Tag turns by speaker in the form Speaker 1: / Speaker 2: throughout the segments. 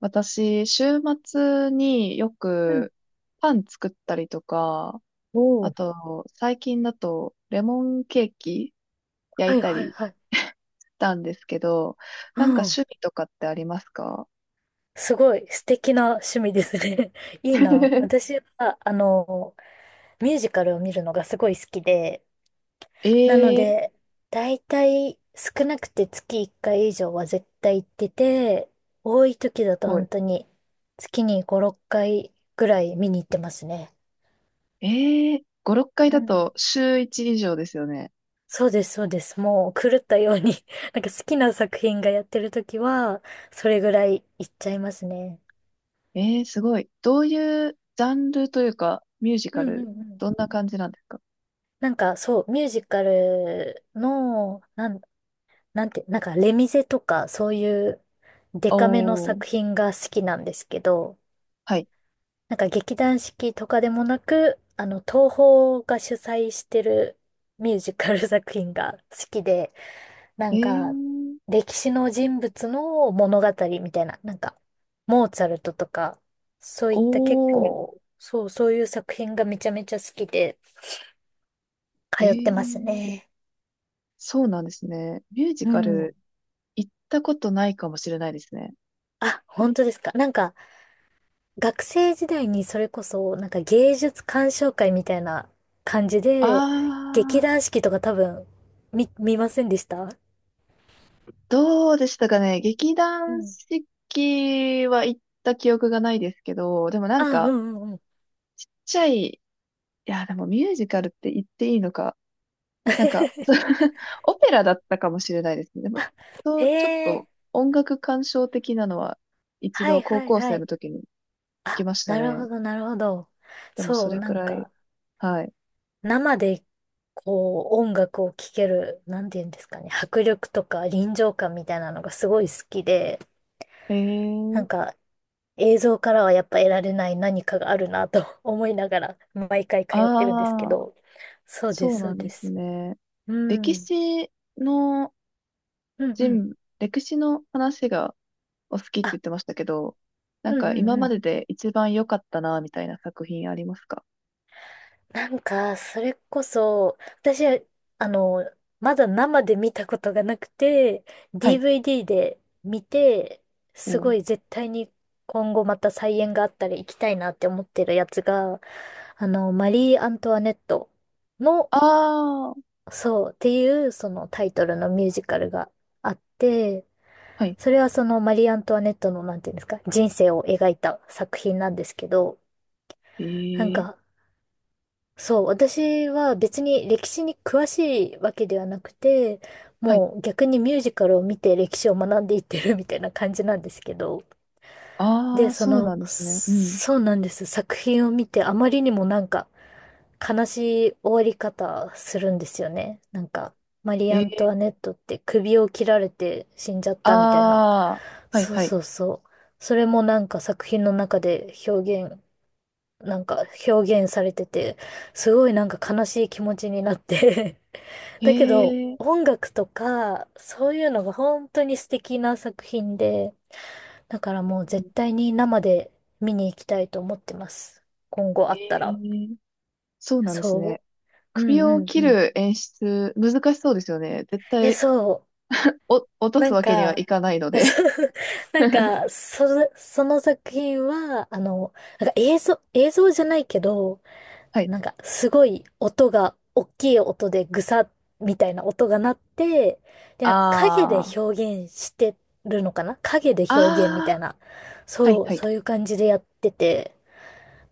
Speaker 1: 私、週末によ
Speaker 2: うん。
Speaker 1: くパン作ったりとか、
Speaker 2: お
Speaker 1: あ
Speaker 2: お、
Speaker 1: と、最近だとレモンケーキ焼
Speaker 2: は
Speaker 1: い
Speaker 2: い
Speaker 1: た
Speaker 2: はい
Speaker 1: り
Speaker 2: はい。
Speaker 1: したんですけど、
Speaker 2: う
Speaker 1: なんか
Speaker 2: ん。
Speaker 1: 趣味とかってありますか？
Speaker 2: すごい素敵な趣味ですね。いいな。私は、ミュージカルを見るのがすごい好きで、
Speaker 1: え
Speaker 2: なの
Speaker 1: えー
Speaker 2: で、だいたい少なくて月1回以上は絶対行ってて、多い時だ
Speaker 1: す
Speaker 2: と
Speaker 1: ごい。
Speaker 2: 本当に月に5、6回ぐらい見に行ってますね。
Speaker 1: ええー、5、6回
Speaker 2: う
Speaker 1: だ
Speaker 2: ん。
Speaker 1: と週1以上ですよね。
Speaker 2: そうです、そうです。もう狂ったように なんか好きな作品がやってる時は、それぐらい行っちゃいますね。
Speaker 1: ええーすごい。どういうジャンルというか、ミュージカ
Speaker 2: うんうん
Speaker 1: ル、
Speaker 2: うん。
Speaker 1: どんな感じなんですか？
Speaker 2: なんかそう、ミュージカルの、なんて、なんかレミゼとかそういうデカめの
Speaker 1: おー、
Speaker 2: 作品が好きなんですけど、
Speaker 1: はい。
Speaker 2: なんか劇団四季とかでもなく、東宝が主催してるミュージカル作品が好きで、な
Speaker 1: ええ
Speaker 2: んか
Speaker 1: ー
Speaker 2: 歴史の人物の物語みたいな、なんかモーツァルトとか、そうい
Speaker 1: お
Speaker 2: った結
Speaker 1: ー、
Speaker 2: 構、そう、そういう作品がめちゃめちゃ好きで
Speaker 1: え
Speaker 2: 通って
Speaker 1: え
Speaker 2: ます
Speaker 1: ー
Speaker 2: ね。
Speaker 1: そうなんですね。ミュージ
Speaker 2: う
Speaker 1: カ
Speaker 2: ん。
Speaker 1: ル行ったことないかもしれないですね。
Speaker 2: あ、本当ですか。なんか、学生時代にそれこそ、なんか芸術鑑賞会みたいな感じ
Speaker 1: あ
Speaker 2: で、劇
Speaker 1: ー、
Speaker 2: 団四季とか多分、見ませんでした？
Speaker 1: どうでしたかね。劇
Speaker 2: う
Speaker 1: 団
Speaker 2: ん。
Speaker 1: 四季は行った記憶がないですけど、でもな
Speaker 2: あ、
Speaker 1: ん
Speaker 2: うんう
Speaker 1: か、
Speaker 2: んうん。
Speaker 1: ちっちゃいや、でもミュージカルって言っていいのか。なんか、そう オペラだったかもしれないですね。でも、そ
Speaker 2: へ
Speaker 1: うちょっ
Speaker 2: え、
Speaker 1: と音楽鑑賞的なのは一
Speaker 2: は
Speaker 1: 度
Speaker 2: い
Speaker 1: 高
Speaker 2: はい
Speaker 1: 校
Speaker 2: は
Speaker 1: 生
Speaker 2: い。
Speaker 1: の時に行きました
Speaker 2: なる
Speaker 1: ね。
Speaker 2: ほどなるほど。
Speaker 1: でもそ
Speaker 2: そう、
Speaker 1: れ
Speaker 2: な
Speaker 1: く
Speaker 2: ん
Speaker 1: らい、
Speaker 2: か、
Speaker 1: はい。
Speaker 2: 生で、こう、音楽を聴ける、なんて言うんですかね、迫力とか臨場感みたいなのがすごい好きで、
Speaker 1: え
Speaker 2: な
Speaker 1: ー、
Speaker 2: んか、映像からはやっぱ得られない何かがあるなと 思いながら毎回通ってるんですけ
Speaker 1: あー。
Speaker 2: ど。そうで
Speaker 1: そ
Speaker 2: す、
Speaker 1: う
Speaker 2: そ
Speaker 1: な
Speaker 2: う
Speaker 1: んで
Speaker 2: で
Speaker 1: す
Speaker 2: す。
Speaker 1: ね。
Speaker 2: う
Speaker 1: 歴
Speaker 2: ん。
Speaker 1: 史の
Speaker 2: うんうん。
Speaker 1: 歴史の話がお好きって言
Speaker 2: あ、
Speaker 1: ってましたけど、な
Speaker 2: う
Speaker 1: ん
Speaker 2: ん
Speaker 1: か
Speaker 2: うん
Speaker 1: 今
Speaker 2: う
Speaker 1: まで
Speaker 2: ん。
Speaker 1: で一番良かったな、みたいな作品ありますか？
Speaker 2: なんか、それこそ、私は、あの、まだ生で見たことがなくて、
Speaker 1: はい。
Speaker 2: DVD で見て、
Speaker 1: お
Speaker 2: すごい
Speaker 1: ー
Speaker 2: 絶対に今後また再演があったら行きたいなって思ってるやつが、マリー・アントワネットの
Speaker 1: あー、
Speaker 2: そうっていうそのタイトルのミュージカルがあって、
Speaker 1: はい。
Speaker 2: それはそのマリー・アントワネットのなんていうんですか、人生を描いた作品なんですけど、
Speaker 1: え
Speaker 2: なん
Speaker 1: ー、
Speaker 2: か、そう、私は別に歴史に詳しいわけではなくて、
Speaker 1: はい。
Speaker 2: もう逆にミュージカルを見て歴史を学んでいってるみたいな感じなんですけど、
Speaker 1: あ
Speaker 2: で、
Speaker 1: ー、そうなんですね。うん。
Speaker 2: そうなんです。作品を見て、あまりにもなんか、悲しい終わり方するんですよね。なんか、マリー・
Speaker 1: え
Speaker 2: ア
Speaker 1: ー、
Speaker 2: ントワネットって首を切られて死んじゃったみたいな。
Speaker 1: あー、はい、
Speaker 2: そう
Speaker 1: はい。
Speaker 2: そうそう。それもなんか作品の中で表現、なんか表現されてて、すごいなんか悲しい気持ちになって
Speaker 1: へ
Speaker 2: だけど、
Speaker 1: えー、
Speaker 2: 音楽とか、そういうのが本当に素敵な作品で、だからもう絶対に生で見に行きたいと思ってます。今後あ
Speaker 1: え
Speaker 2: ったら。
Speaker 1: ー、そうなんです
Speaker 2: そ
Speaker 1: ね。
Speaker 2: う。う
Speaker 1: 首
Speaker 2: ん
Speaker 1: を
Speaker 2: うん
Speaker 1: 切
Speaker 2: うん。
Speaker 1: る演出、難しそうですよね。絶
Speaker 2: え、
Speaker 1: 対、
Speaker 2: そ
Speaker 1: お、落
Speaker 2: う。
Speaker 1: と
Speaker 2: な
Speaker 1: す
Speaker 2: ん
Speaker 1: わけにはい
Speaker 2: か、
Speaker 1: かないので。
Speaker 2: そう なんか、その作品は、なんか映像、映像じゃないけど、
Speaker 1: はい。
Speaker 2: なんかすごい音が、大きい音でぐさみたいな音が鳴って、で、なんか影で
Speaker 1: ああ、
Speaker 2: 表現してるのかな影で表現みた
Speaker 1: あ
Speaker 2: い
Speaker 1: あ、
Speaker 2: な。
Speaker 1: はい
Speaker 2: そう、
Speaker 1: はい。
Speaker 2: そういう感じでやってて。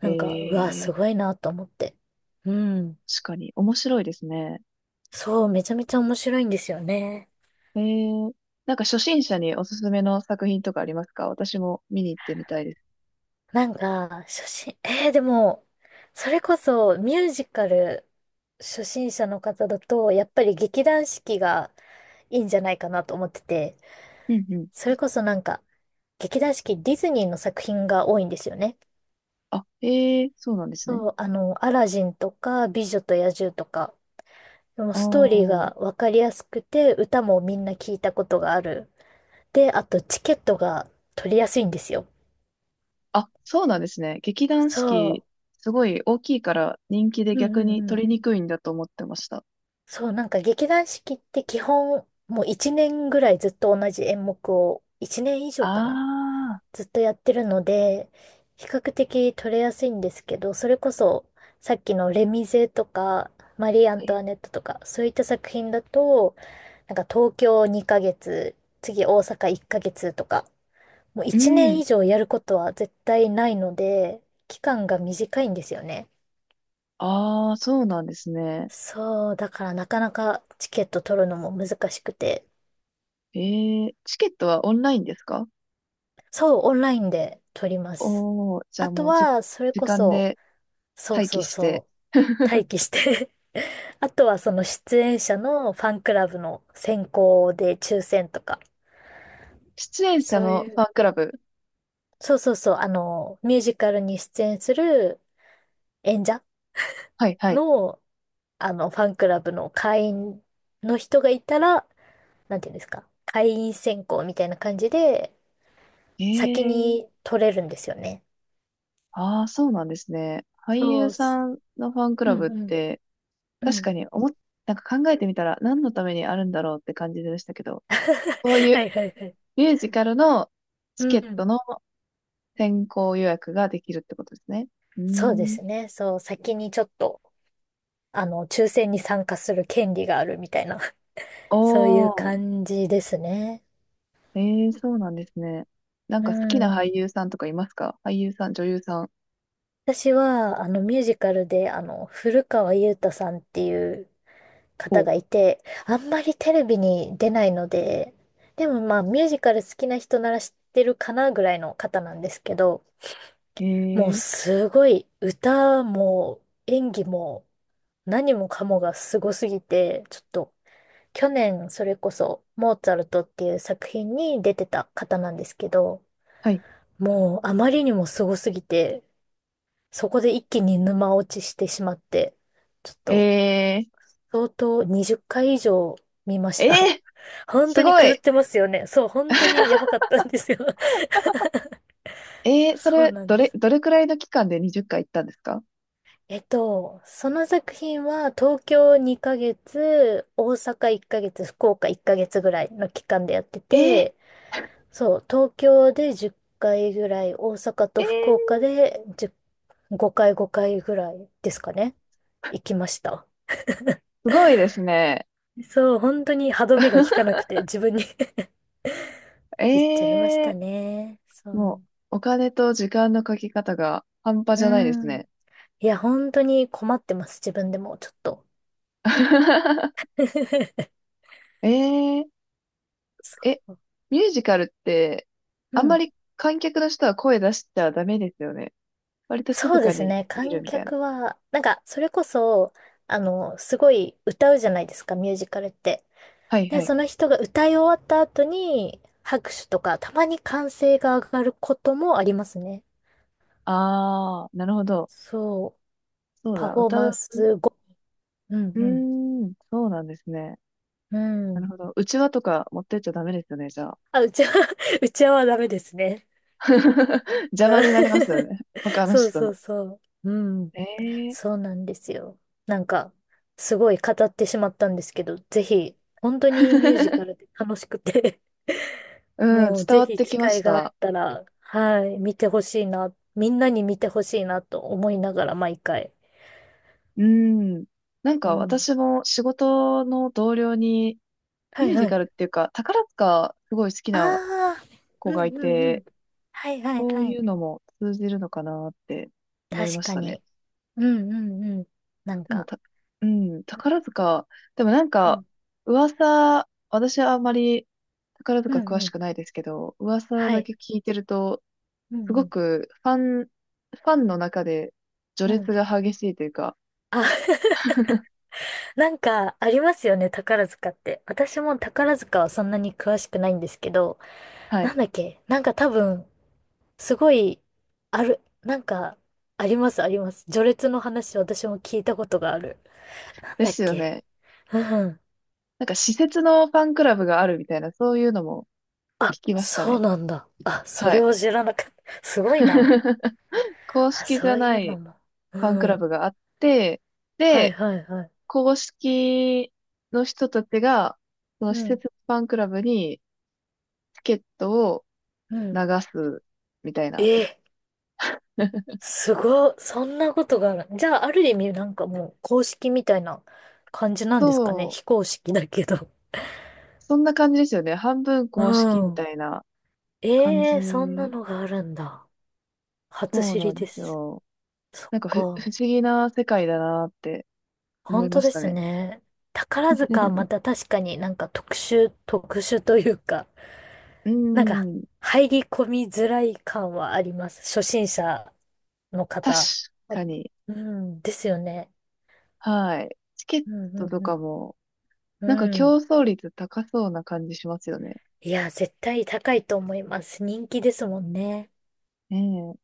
Speaker 2: な
Speaker 1: え
Speaker 2: んか、うわ、す
Speaker 1: え、
Speaker 2: ごいなと思って。うん。
Speaker 1: 確かに。面白いですね。
Speaker 2: そう、めちゃめちゃ面白いんですよね。
Speaker 1: えーなんか初心者におすすめの作品とかありますか？私も見に行ってみたいです。
Speaker 2: なんか、初心、えー、でも、それこそミュージカル初心者の方だと、やっぱり劇団四季がいいんじゃないかなと思ってて、
Speaker 1: うんうん。
Speaker 2: それこそなんか、劇団四季ディズニーの作品が多いんですよね。
Speaker 1: あ、えーそうなんですね。
Speaker 2: そう、アラジンとか、美女と野獣とか、でもストーリー
Speaker 1: あ
Speaker 2: がわかりやすくて、歌もみんな聞いたことがある。で、あとチケットが取りやすいんですよ。
Speaker 1: あ、あ、そうなんですね。劇団四季、
Speaker 2: そ
Speaker 1: すごい大きいから人気で
Speaker 2: う。うん
Speaker 1: 逆
Speaker 2: う
Speaker 1: に
Speaker 2: んうん。
Speaker 1: 取りにくいんだと思ってました。
Speaker 2: そう、なんか劇団四季って基本、もう1年ぐらいずっと同じ演目を、1年以上かな
Speaker 1: ああ、
Speaker 2: ずっとやってるので、比較的取れやすいんですけど、それこそ、さっきのレミゼとか、マリー・ア
Speaker 1: は
Speaker 2: ント
Speaker 1: い。
Speaker 2: ワネットとか、そういった作品だと、なんか東京2ヶ月、次大阪1ヶ月とか、もう
Speaker 1: う
Speaker 2: 一年
Speaker 1: ん。
Speaker 2: 以上やることは絶対ないので、期間が短いんですよね。
Speaker 1: ああ、そうなんですね。
Speaker 2: そう、だからなかなかチケット取るのも難しくて、
Speaker 1: ええ、チケットはオンラインですか？
Speaker 2: そう、オンラインで取ります。
Speaker 1: おー、じゃ
Speaker 2: あ
Speaker 1: あ
Speaker 2: と
Speaker 1: もうじ、
Speaker 2: は、それ
Speaker 1: 時
Speaker 2: こ
Speaker 1: 間
Speaker 2: そ、
Speaker 1: で
Speaker 2: そう
Speaker 1: 待
Speaker 2: そ
Speaker 1: 機
Speaker 2: う
Speaker 1: して。
Speaker 2: そう、待機して あとはその出演者のファンクラブの選考で抽選とか、
Speaker 1: 出演者
Speaker 2: そう
Speaker 1: の
Speaker 2: い
Speaker 1: フ
Speaker 2: う、
Speaker 1: ァンクラブ。
Speaker 2: そうそうそう、ミュージカルに出演する演者
Speaker 1: はいはい。
Speaker 2: の、ファンクラブの会員の人がいたら、なんていうんですか、会員選考みたいな感じで、
Speaker 1: え
Speaker 2: 先
Speaker 1: え
Speaker 2: に取れるんですよね。
Speaker 1: ああ、そうなんですね。俳
Speaker 2: そ
Speaker 1: 優
Speaker 2: うっす。
Speaker 1: さんのファンク
Speaker 2: う
Speaker 1: ラ
Speaker 2: ん
Speaker 1: ブっ
Speaker 2: うん。
Speaker 1: て、
Speaker 2: う
Speaker 1: 確
Speaker 2: ん。
Speaker 1: かに思っ、なんか考えてみたら何のためにあるんだろうって感じでしたけど、そう いう
Speaker 2: はいはいはい。
Speaker 1: ミュージカルの
Speaker 2: う
Speaker 1: チケ
Speaker 2: ん
Speaker 1: ッ
Speaker 2: う
Speaker 1: ト
Speaker 2: ん。
Speaker 1: の先行予約ができるってことですね。うー
Speaker 2: そうで
Speaker 1: ん。
Speaker 2: すね。そう、先にちょっと、抽選に参加する権利があるみたいな、
Speaker 1: お
Speaker 2: そういう
Speaker 1: ー、
Speaker 2: 感じですね。
Speaker 1: ええそうなんですね。なん
Speaker 2: う
Speaker 1: か好きな
Speaker 2: ん。
Speaker 1: 俳優さんとかいますか？俳優さん、女優さん。
Speaker 2: 私は、ミュージカルで、古川雄太さんっていう方
Speaker 1: お、
Speaker 2: がいて、あんまりテレビに出ないので、でもまあミュージカル好きな人なら知ってるかなぐらいの方なんですけど、もう
Speaker 1: ええ
Speaker 2: すごい歌も演技も何もかもがすごすぎて、ちょっと去年それこそモーツァルトっていう作品に出てた方なんですけど、
Speaker 1: はい。
Speaker 2: もうあまりにもすごすぎて、そこで一気に沼落ちしてしまって、ちょっと
Speaker 1: え
Speaker 2: 相当20回以上見ま
Speaker 1: ー、
Speaker 2: した。
Speaker 1: え ー、
Speaker 2: 本当
Speaker 1: す
Speaker 2: に
Speaker 1: ご
Speaker 2: 狂っ
Speaker 1: い。
Speaker 2: てますよね。そう、本当にやばかったんですよ。
Speaker 1: え ー、そ
Speaker 2: そう
Speaker 1: れ、
Speaker 2: なん
Speaker 1: ど
Speaker 2: で
Speaker 1: れ、
Speaker 2: す。
Speaker 1: どれくらいの期間で20回行ったんですか？
Speaker 2: えっと、その作品は東京2ヶ月、大阪1ヶ月、福岡1ヶ月ぐらいの期間でやって
Speaker 1: えー、
Speaker 2: て、そう、東京で10回ぐらい、大阪と
Speaker 1: え
Speaker 2: 福
Speaker 1: ー、
Speaker 2: 岡で10 5回5回ぐらいですかね。行きました。
Speaker 1: すごいですね。
Speaker 2: そう、本当に歯止めが効かなく て自分に 行っちゃいまし
Speaker 1: え
Speaker 2: た
Speaker 1: え
Speaker 2: ね。そ
Speaker 1: も
Speaker 2: う。
Speaker 1: う、お金と時間のかけ方が半端
Speaker 2: う
Speaker 1: じゃないです
Speaker 2: ん。
Speaker 1: ね。
Speaker 2: いや、本当に困ってます。自分でも、ちょっと。
Speaker 1: ええ
Speaker 2: そ
Speaker 1: え、
Speaker 2: う
Speaker 1: ミュージカルって、
Speaker 2: う
Speaker 1: あんま
Speaker 2: ん。
Speaker 1: り観客の人は声出しちゃダメですよね。割と静
Speaker 2: そうで
Speaker 1: か
Speaker 2: す
Speaker 1: に
Speaker 2: ね。
Speaker 1: 見る
Speaker 2: 観
Speaker 1: みたいな。
Speaker 2: 客は、なんか、それこそ、すごい歌うじゃないですか、ミュージカルって。
Speaker 1: はい
Speaker 2: で、
Speaker 1: はい。
Speaker 2: その人が歌い終わった後に、拍手とか、たまに歓声が上がることもありますね。
Speaker 1: あー、なるほど。
Speaker 2: そう。
Speaker 1: そう
Speaker 2: パ
Speaker 1: だ、
Speaker 2: フォー
Speaker 1: 歌
Speaker 2: マン
Speaker 1: う。
Speaker 2: ス後。う
Speaker 1: う
Speaker 2: ん
Speaker 1: ーん、そうなんですね。
Speaker 2: うん。う
Speaker 1: なるほ
Speaker 2: ん。
Speaker 1: ど。うちわとか持ってっちゃダメですよね、じゃあ。
Speaker 2: あ、うちは、うちはダメですね。
Speaker 1: 邪魔
Speaker 2: うん
Speaker 1: になりますよ ね。他の
Speaker 2: そう
Speaker 1: 人
Speaker 2: そ
Speaker 1: の。
Speaker 2: うそう。うん。
Speaker 1: ええ
Speaker 2: そうなんですよ。なんか、すごい語ってしまったんですけど、ぜひ、本当にミュージカルで 楽しくて
Speaker 1: うん、
Speaker 2: もう
Speaker 1: 伝
Speaker 2: ぜ
Speaker 1: わっ
Speaker 2: ひ
Speaker 1: て
Speaker 2: 機
Speaker 1: きまし
Speaker 2: 会があっ
Speaker 1: た。
Speaker 2: たら、はい、見てほしいな、みんなに見てほしいなと思いながら毎回。
Speaker 1: うん。なん
Speaker 2: う
Speaker 1: か
Speaker 2: ん。
Speaker 1: 私も仕事の同僚に
Speaker 2: は
Speaker 1: ミュ
Speaker 2: い
Speaker 1: ージ
Speaker 2: は
Speaker 1: カ
Speaker 2: い。
Speaker 1: ルっていうか、宝塚すごい好き
Speaker 2: あ
Speaker 1: な
Speaker 2: あ、
Speaker 1: 子
Speaker 2: う
Speaker 1: がい
Speaker 2: んうんう
Speaker 1: て、
Speaker 2: ん。はいはい
Speaker 1: そう
Speaker 2: は
Speaker 1: い
Speaker 2: い。
Speaker 1: うのも通じるのかなって思い
Speaker 2: 確
Speaker 1: まし
Speaker 2: か
Speaker 1: たね。
Speaker 2: に。うんうんうん。なん
Speaker 1: でも
Speaker 2: か、
Speaker 1: た、うん、宝塚、でもなん
Speaker 2: う
Speaker 1: か、
Speaker 2: ん、
Speaker 1: 噂、私はあんまり宝
Speaker 2: う
Speaker 1: 塚詳
Speaker 2: んう
Speaker 1: し
Speaker 2: ん。
Speaker 1: くないですけど、噂
Speaker 2: は
Speaker 1: だ
Speaker 2: い。
Speaker 1: け聞いてると、
Speaker 2: う
Speaker 1: す
Speaker 2: ん
Speaker 1: ご
Speaker 2: う
Speaker 1: くファンの中で
Speaker 2: ん。
Speaker 1: 序
Speaker 2: うん。
Speaker 1: 列が激しいというか、
Speaker 2: あ なんか、ありますよね、宝塚って。私も宝塚はそんなに詳しくないんですけど、
Speaker 1: はい。
Speaker 2: なんだっけ、なんか多分、すごい、ある、なんか、あります、あります。序列の話、私も聞いたことがある。なん
Speaker 1: で
Speaker 2: だっ
Speaker 1: すよ
Speaker 2: け、
Speaker 1: ね。
Speaker 2: うん。
Speaker 1: なんか、施設のファンクラブがあるみたいな、そういうのも
Speaker 2: あ、
Speaker 1: 聞きました
Speaker 2: そう
Speaker 1: ね。
Speaker 2: なんだ。あ、そ
Speaker 1: は
Speaker 2: れ
Speaker 1: い。
Speaker 2: を知らなかった。すごいな。
Speaker 1: 公
Speaker 2: あ、
Speaker 1: 式じ
Speaker 2: そ
Speaker 1: ゃ
Speaker 2: うい
Speaker 1: な
Speaker 2: うの
Speaker 1: い
Speaker 2: も。
Speaker 1: ファンク
Speaker 2: う
Speaker 1: ラブ
Speaker 2: ん。
Speaker 1: があって、
Speaker 2: はい
Speaker 1: で、
Speaker 2: はいはい。
Speaker 1: 公式の人たちが、その
Speaker 2: う
Speaker 1: 施
Speaker 2: ん。
Speaker 1: 設ファンクラブにチケットを
Speaker 2: う
Speaker 1: 流
Speaker 2: ん。
Speaker 1: すみたいな。
Speaker 2: ええ、 すごい、そんなことがある。じゃあ、ある意味、なんかもう、公式みたいな感じなんですかね。
Speaker 1: そう。
Speaker 2: 非公式だけど。
Speaker 1: そんな感じですよね。半分公式
Speaker 2: う
Speaker 1: み
Speaker 2: ん。
Speaker 1: たいな 感
Speaker 2: ええー、そんな
Speaker 1: じ。
Speaker 2: のがあるんだ。初
Speaker 1: そう
Speaker 2: 知
Speaker 1: な
Speaker 2: り
Speaker 1: んで
Speaker 2: で
Speaker 1: す
Speaker 2: す。
Speaker 1: よ。
Speaker 2: そっ
Speaker 1: なんかふ、不
Speaker 2: か。
Speaker 1: 思議な世界だなって思
Speaker 2: 本
Speaker 1: い
Speaker 2: 当
Speaker 1: まし
Speaker 2: で
Speaker 1: た
Speaker 2: す
Speaker 1: ね。
Speaker 2: ね。宝塚はまた確かになんか特殊、特殊というか、
Speaker 1: うー
Speaker 2: なんか、
Speaker 1: ん。
Speaker 2: 入り込みづらい感はあります。初心者の
Speaker 1: 確
Speaker 2: 方。あ
Speaker 1: かに。
Speaker 2: うん、ですよね。
Speaker 1: はい。チケッ
Speaker 2: うん、
Speaker 1: トと
Speaker 2: う
Speaker 1: か
Speaker 2: ん、
Speaker 1: も、
Speaker 2: う
Speaker 1: なんか
Speaker 2: ん。う
Speaker 1: 競
Speaker 2: ん。
Speaker 1: 争率高そうな感じしますよね。
Speaker 2: いや、絶対高いと思います。人気ですもんね。
Speaker 1: ねえ。